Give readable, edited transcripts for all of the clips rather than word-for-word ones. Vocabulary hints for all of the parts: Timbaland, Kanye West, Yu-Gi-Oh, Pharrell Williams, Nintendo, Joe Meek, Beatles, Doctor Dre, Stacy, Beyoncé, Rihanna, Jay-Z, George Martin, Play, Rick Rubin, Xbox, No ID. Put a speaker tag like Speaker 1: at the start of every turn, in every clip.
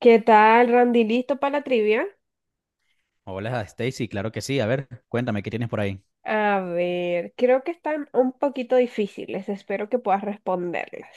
Speaker 1: ¿Qué tal, Randy? ¿Listo para la trivia?
Speaker 2: Hola, Stacy, claro que sí. A ver, cuéntame, ¿qué tienes por ahí?
Speaker 1: A ver, creo que están un poquito difíciles, espero que puedas responderlas.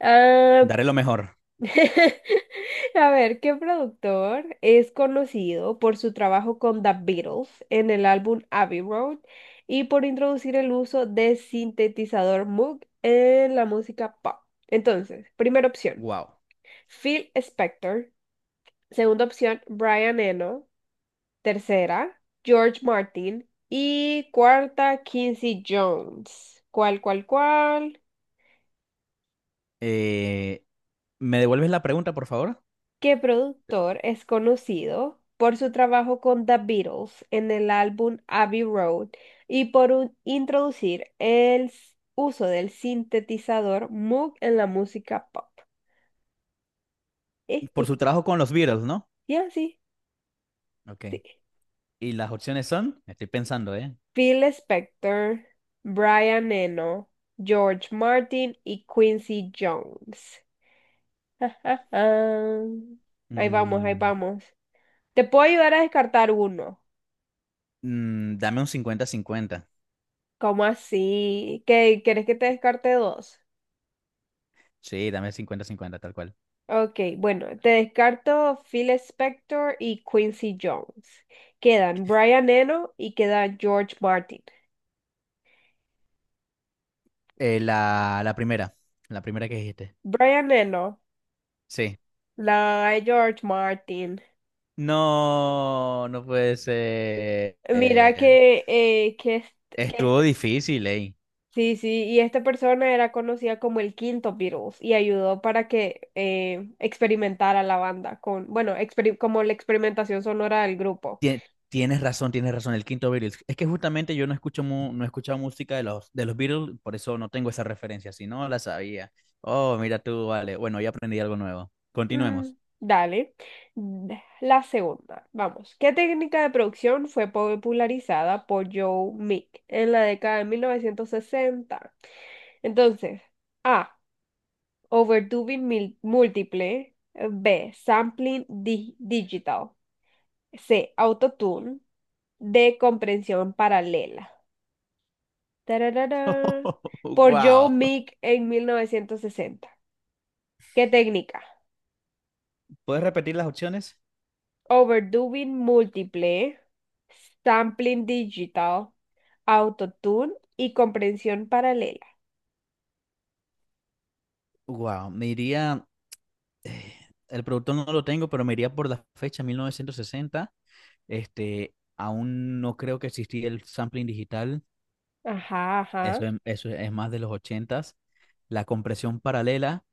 Speaker 1: Ah,
Speaker 2: Daré lo mejor.
Speaker 1: a ver, ¿qué productor es conocido por su trabajo con The Beatles en el álbum Abbey Road y por introducir el uso de sintetizador Moog en la música pop? Entonces, primera opción,
Speaker 2: Wow.
Speaker 1: Phil Spector. Segunda opción, Brian Eno. Tercera, George Martin. Y cuarta, Quincy Jones. ¿Cuál, cuál, cuál?
Speaker 2: Eh, ¿me devuelves la pregunta, por favor?
Speaker 1: ¿Qué productor es conocido por su trabajo con The Beatles en el álbum Abbey Road y por introducir el uso del sintetizador Moog en la música pop? Eh,
Speaker 2: Por
Speaker 1: eh,
Speaker 2: su trabajo con los Beatles, ¿no?
Speaker 1: Ya, sí,
Speaker 2: Ok.
Speaker 1: sí.
Speaker 2: ¿Y las opciones son? Estoy pensando, ¿eh?
Speaker 1: Phil Spector, Brian Eno, George Martin y Quincy Jones. Ja, ja, ja. Ahí vamos, ahí
Speaker 2: Mm,
Speaker 1: vamos. Te puedo ayudar a descartar uno.
Speaker 2: dame un 50-50.
Speaker 1: ¿Cómo así? ¿Qué, quieres que te descarte dos?
Speaker 2: Sí, dame 50-50, tal cual.
Speaker 1: Ok, bueno, te descarto Phil Spector y Quincy Jones. Quedan Brian Eno y queda George Martin.
Speaker 2: Eh, la, la primera, la primera que dijiste.
Speaker 1: Brian Eno,
Speaker 2: Sí.
Speaker 1: la George Martin.
Speaker 2: No, no puede ser.
Speaker 1: Mira que, que
Speaker 2: Estuvo difícil, ¿eh?
Speaker 1: sí, sí, y esta persona era conocida como el quinto Beatles y ayudó para que experimentara la banda con, bueno, como la experimentación sonora del grupo.
Speaker 2: Tie- tienes razón, el quinto Beatles. Es que justamente yo no escucho no he escuchado música de los Beatles, por eso no tengo esa referencia, si no la sabía. Oh, mira tú, vale. Bueno, ya aprendí algo nuevo.
Speaker 1: Mm,
Speaker 2: Continuemos.
Speaker 1: dale. La segunda, vamos. ¿Qué técnica de producción fue popularizada por Joe Meek en la década de 1960? Entonces, A. Overdubbing múltiple. B. Sampling digital. C, autotune. D, comprensión paralela. Tararara. Por Joe
Speaker 2: Wow.
Speaker 1: Meek en 1960. ¿Qué técnica?
Speaker 2: ¿Puedes repetir las opciones?
Speaker 1: Overdubbing múltiple, sampling digital, autotune y comprensión paralela.
Speaker 2: Wow, me iría, eh, el productor no lo tengo, pero me iría por la fecha 1960. Este, aún no creo que existía el sampling digital,
Speaker 1: Ajá, ajá.
Speaker 2: eso es más de los ochentas. La compresión paralela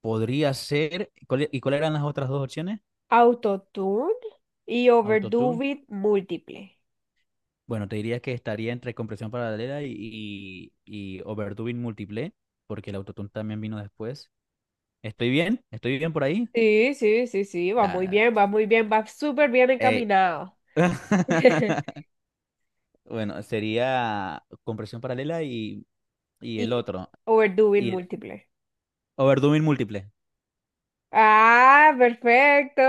Speaker 2: podría ser. ¿Y cuáles eran las otras dos opciones?
Speaker 1: Autotune y
Speaker 2: Autotune.
Speaker 1: overdubbing múltiple.
Speaker 2: Bueno, te diría que estaría entre compresión paralela y overdubbing múltiple, porque el autotune también vino después. ¿Estoy bien? ¿Estoy bien por ahí?
Speaker 1: Sí, sí, sí, sí, va muy
Speaker 2: Da-
Speaker 1: bien, va muy bien, va súper bien
Speaker 2: eh.
Speaker 1: encaminado.
Speaker 2: Bueno, sería compresión paralela y el
Speaker 1: Y
Speaker 2: otro.
Speaker 1: overdubbing
Speaker 2: Y el
Speaker 1: múltiple.
Speaker 2: overdubbing múltiple.
Speaker 1: Ah, perfecto.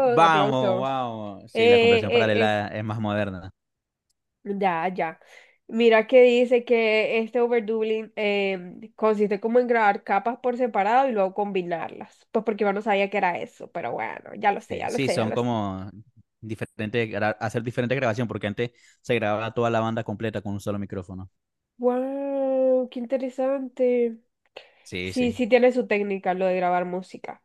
Speaker 2: Vamos,
Speaker 1: Aplauso.
Speaker 2: vamos. Sí, la
Speaker 1: Eh,
Speaker 2: compresión
Speaker 1: eh, eh.
Speaker 2: paralela es más moderna.
Speaker 1: Ya, ya. Mira que dice que este overdubbling consiste como en grabar capas por separado y luego combinarlas. Pues porque yo no sabía que era eso, pero bueno, ya lo sé,
Speaker 2: Sí,
Speaker 1: ya lo
Speaker 2: sí,
Speaker 1: sé, ya
Speaker 2: son
Speaker 1: lo sé.
Speaker 2: como diferentes, hacer diferentes grabaciones, porque antes se grababa toda la banda completa con un solo micrófono.
Speaker 1: Wow, qué interesante.
Speaker 2: Sí,
Speaker 1: Sí,
Speaker 2: sí,
Speaker 1: sí tiene su técnica lo de grabar música.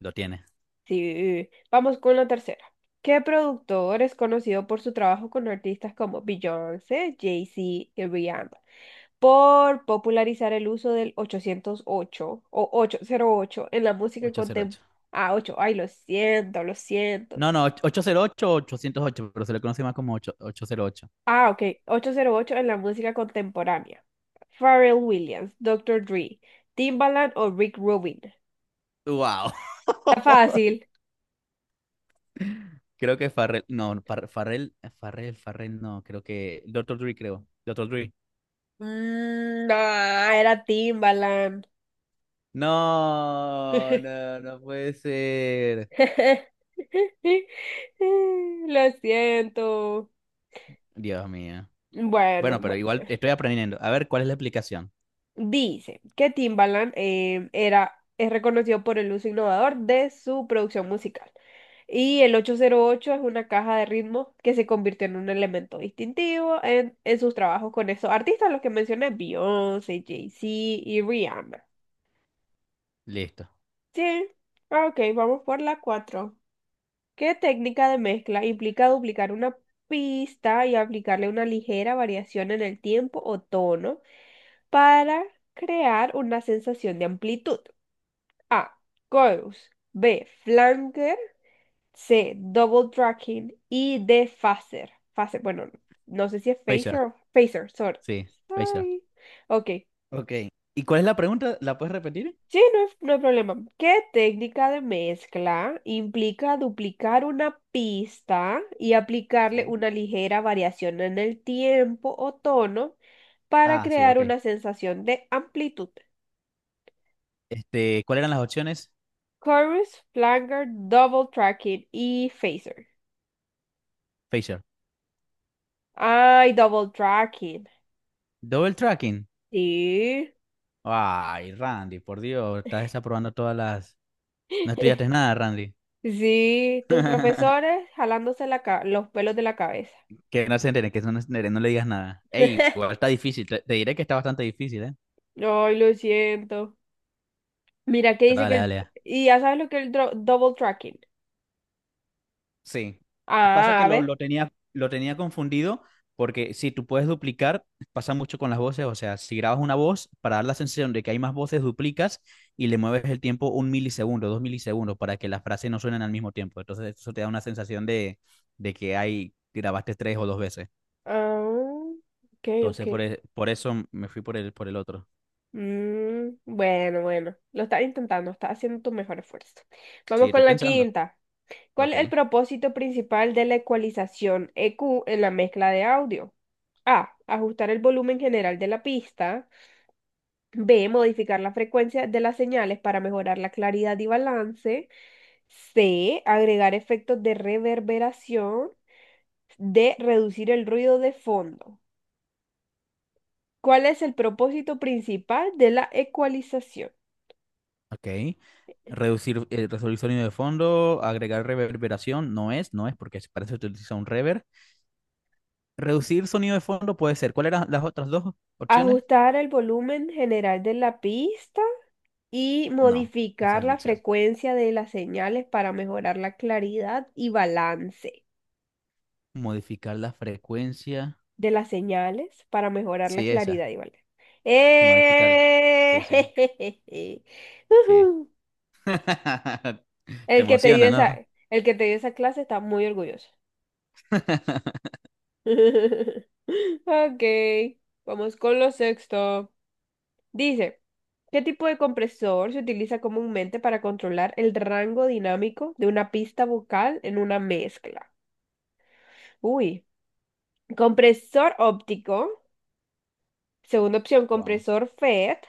Speaker 2: lo tiene.
Speaker 1: Sí, vamos con la tercera. ¿Qué productor es conocido por su trabajo con artistas como Beyoncé, Jay-Z y Rihanna por popularizar el uso del 808 o 808 en la música
Speaker 2: Ochocientos
Speaker 1: contemporánea?
Speaker 2: ocho.
Speaker 1: Ah, 8, ay, lo siento, lo siento.
Speaker 2: No, no, 808, o 808, pero se le conoce más como 808.
Speaker 1: Ah, ok, 808 en la música contemporánea. Pharrell Williams, Doctor Dre, Timbaland o Rick Rubin.
Speaker 2: ¡Wow!
Speaker 1: Está fácil.
Speaker 2: Creo que Farrell, no, Farrell, Farrell, Farrell, no, creo que Doctor Dre, creo. Doctor Dre.
Speaker 1: Mm, no, era Timbaland.
Speaker 2: No, no, no puede ser.
Speaker 1: Lo siento.
Speaker 2: Dios mío.
Speaker 1: Bueno,
Speaker 2: Bueno, pero igual estoy aprendiendo. A ver, ¿cuál es la explicación?
Speaker 1: dice que Timbaland era, es reconocido por el uso innovador de su producción musical. Y el 808 es una caja de ritmos que se convirtió en un elemento distintivo en sus trabajos con esos artistas, los que mencioné, Beyoncé, Jay-Z y Rihanna.
Speaker 2: Listo.
Speaker 1: Sí, ah, ok, vamos por la cuatro. ¿Qué técnica de mezcla implica duplicar una pista y aplicarle una ligera variación en el tiempo o tono para crear una sensación de amplitud? A. Chorus. B. Flanger. C. Double tracking. Y D. Phaser. Phaser, bueno, no sé si es
Speaker 2: Phaser.
Speaker 1: phaser o phaser, sorry.
Speaker 2: Sí, fecha.
Speaker 1: Sorry. Ok.
Speaker 2: Ok. ¿Y cuál es la pregunta? ¿La puedes repetir?
Speaker 1: Sí, no hay problema. ¿Qué técnica de mezcla implica duplicar una pista y aplicarle
Speaker 2: Sí.
Speaker 1: una ligera variación en el tiempo o tono para
Speaker 2: Ah, sí,
Speaker 1: crear
Speaker 2: ok.
Speaker 1: una sensación de amplitud?
Speaker 2: Este, ¿cuáles eran las opciones?
Speaker 1: Chorus, flanger, double tracking y phaser.
Speaker 2: Facial.
Speaker 1: Ay, double tracking.
Speaker 2: Double tracking.
Speaker 1: Sí.
Speaker 2: Ay, Randy, por Dios, estás desaprobando todas las... No estudiaste nada, Randy.
Speaker 1: Sí, tus profesores jalándose los pelos de la cabeza.
Speaker 2: Que no se entere, que no se entere, no le digas nada. Ey, igual está difícil, te diré que está bastante difícil, ¿eh?
Speaker 1: Ay, lo siento. Mira, que
Speaker 2: Pero
Speaker 1: dice que
Speaker 2: dale,
Speaker 1: el.
Speaker 2: dale.
Speaker 1: Y ya sabes lo que es el double tracking.
Speaker 2: Sí. Pasa
Speaker 1: Ah,
Speaker 2: que
Speaker 1: a
Speaker 2: lo,
Speaker 1: ver.
Speaker 2: lo tenía, lo tenía confundido porque si tú puedes duplicar, pasa mucho con las voces. O sea, si grabas una voz, para dar la sensación de que hay más voces, duplicas y le mueves el tiempo un milisegundo, dos milisegundos, para que las frases no suenen al mismo tiempo. Entonces, eso te da una sensación de que hay, grabaste tres o dos veces.
Speaker 1: Ah, ok, ok.
Speaker 2: Entonces, por eso me fui por el otro.
Speaker 1: Mm, bueno, bueno. Lo estás intentando, estás haciendo tu mejor esfuerzo.
Speaker 2: Sí,
Speaker 1: Vamos
Speaker 2: estoy
Speaker 1: con la
Speaker 2: pensando.
Speaker 1: quinta. ¿Cuál
Speaker 2: Ok.
Speaker 1: es el propósito principal de la ecualización EQ en la mezcla de audio? A. Ajustar el volumen general de la pista. B, modificar la frecuencia de las señales para mejorar la claridad y balance. C, agregar efectos de reverberación. D, reducir el ruido de fondo. ¿Cuál es el propósito principal de la ecualización?
Speaker 2: Ok. Reducir, resolver sonido de fondo, agregar reverberación, no es, no es, porque para eso se utiliza un reverb. Reducir sonido de fondo puede ser. ¿Cuáles eran las otras dos opciones?
Speaker 1: Ajustar el volumen general de la pista y
Speaker 2: No, ese es
Speaker 1: modificar
Speaker 2: el
Speaker 1: la
Speaker 2: mixer.
Speaker 1: frecuencia de las señales para mejorar la claridad y balance.
Speaker 2: Modificar la frecuencia.
Speaker 1: De las señales para mejorar la
Speaker 2: Sí, esa.
Speaker 1: claridad y valor.
Speaker 2: Modificarla. Sí, sí,
Speaker 1: ¡Eh!
Speaker 2: sí.
Speaker 1: Ujú.
Speaker 2: Te
Speaker 1: El que te dio
Speaker 2: emociona, ¿no?
Speaker 1: esa, el que te dio esa clase está muy orgulloso. Ok, vamos con lo sexto. Dice, ¿qué tipo de compresor se utiliza comúnmente para controlar el rango dinámico de una pista vocal en una mezcla? Uy, compresor óptico. Segunda opción,
Speaker 2: Wow.
Speaker 1: compresor FET.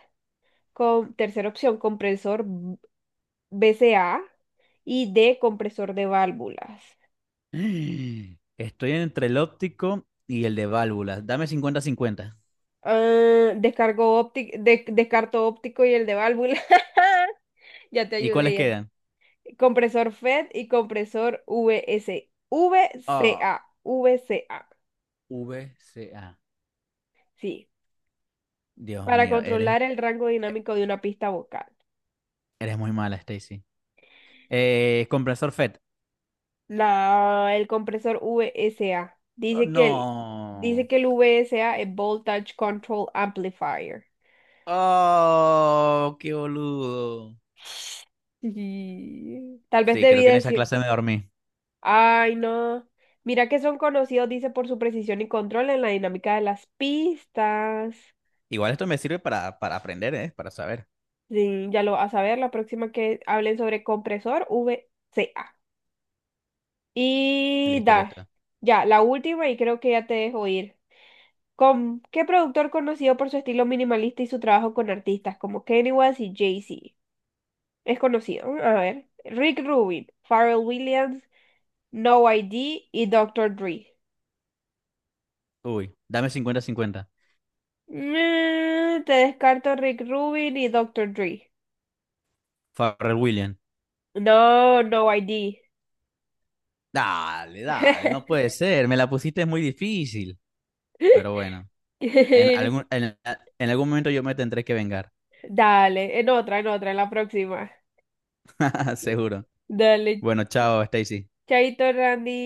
Speaker 1: Tercera opción, compresor BCA y D, compresor de válvulas.
Speaker 2: Estoy entre el óptico y el de válvulas. Dame cincuenta-cincuenta.
Speaker 1: Ah, descargo óptico, descarto óptico y el de válvula. Ya te
Speaker 2: ¿Y
Speaker 1: ayudé.
Speaker 2: cuáles quedan?
Speaker 1: Ya. Compresor FED y compresor
Speaker 2: Ah,
Speaker 1: VCA,
Speaker 2: V C A.
Speaker 1: sí,
Speaker 2: Dios
Speaker 1: para
Speaker 2: mío, eres,
Speaker 1: controlar el rango dinámico de una pista vocal.
Speaker 2: eres muy mala, Stacy. Compresor FET.
Speaker 1: La, el compresor VSA.
Speaker 2: Oh,
Speaker 1: Dice que el, dice
Speaker 2: no.
Speaker 1: que el VSA es Voltage Control Amplifier.
Speaker 2: Oh, qué boludo.
Speaker 1: Y tal vez
Speaker 2: Sí,
Speaker 1: debí
Speaker 2: creo que en esa
Speaker 1: decir.
Speaker 2: clase me dormí.
Speaker 1: Ay, no. Mira que son conocidos, dice, por su precisión y control en la dinámica de las pistas.
Speaker 2: Igual esto me sirve para aprender, ¿eh? Para saber.
Speaker 1: Sí, ya lo vas a ver la próxima que hablen sobre compresor VCA. Y
Speaker 2: Listo, listo.
Speaker 1: ya, la última y creo que ya te dejo ir. ¿Con qué productor conocido por su estilo minimalista y su trabajo con artistas como Kanye West y Jay-Z? Es conocido. A ver. Rick Rubin, Pharrell Williams, No ID y Doctor Dre.
Speaker 2: Uy, dame cincuenta, cincuenta.
Speaker 1: Mm, te descarto Rick Rubin y Doctor Dre.
Speaker 2: Pharrell Williams.
Speaker 1: No, no ID.
Speaker 2: Dale, dale, no puede ser. Me la pusiste muy difícil. Pero bueno, en algún, en, en algún momento yo me tendré que vengar.
Speaker 1: Dale, en otra, en otra, en la próxima.
Speaker 2: Seguro.
Speaker 1: Dale,
Speaker 2: Bueno, chao, Stacy.
Speaker 1: chaito, Randy.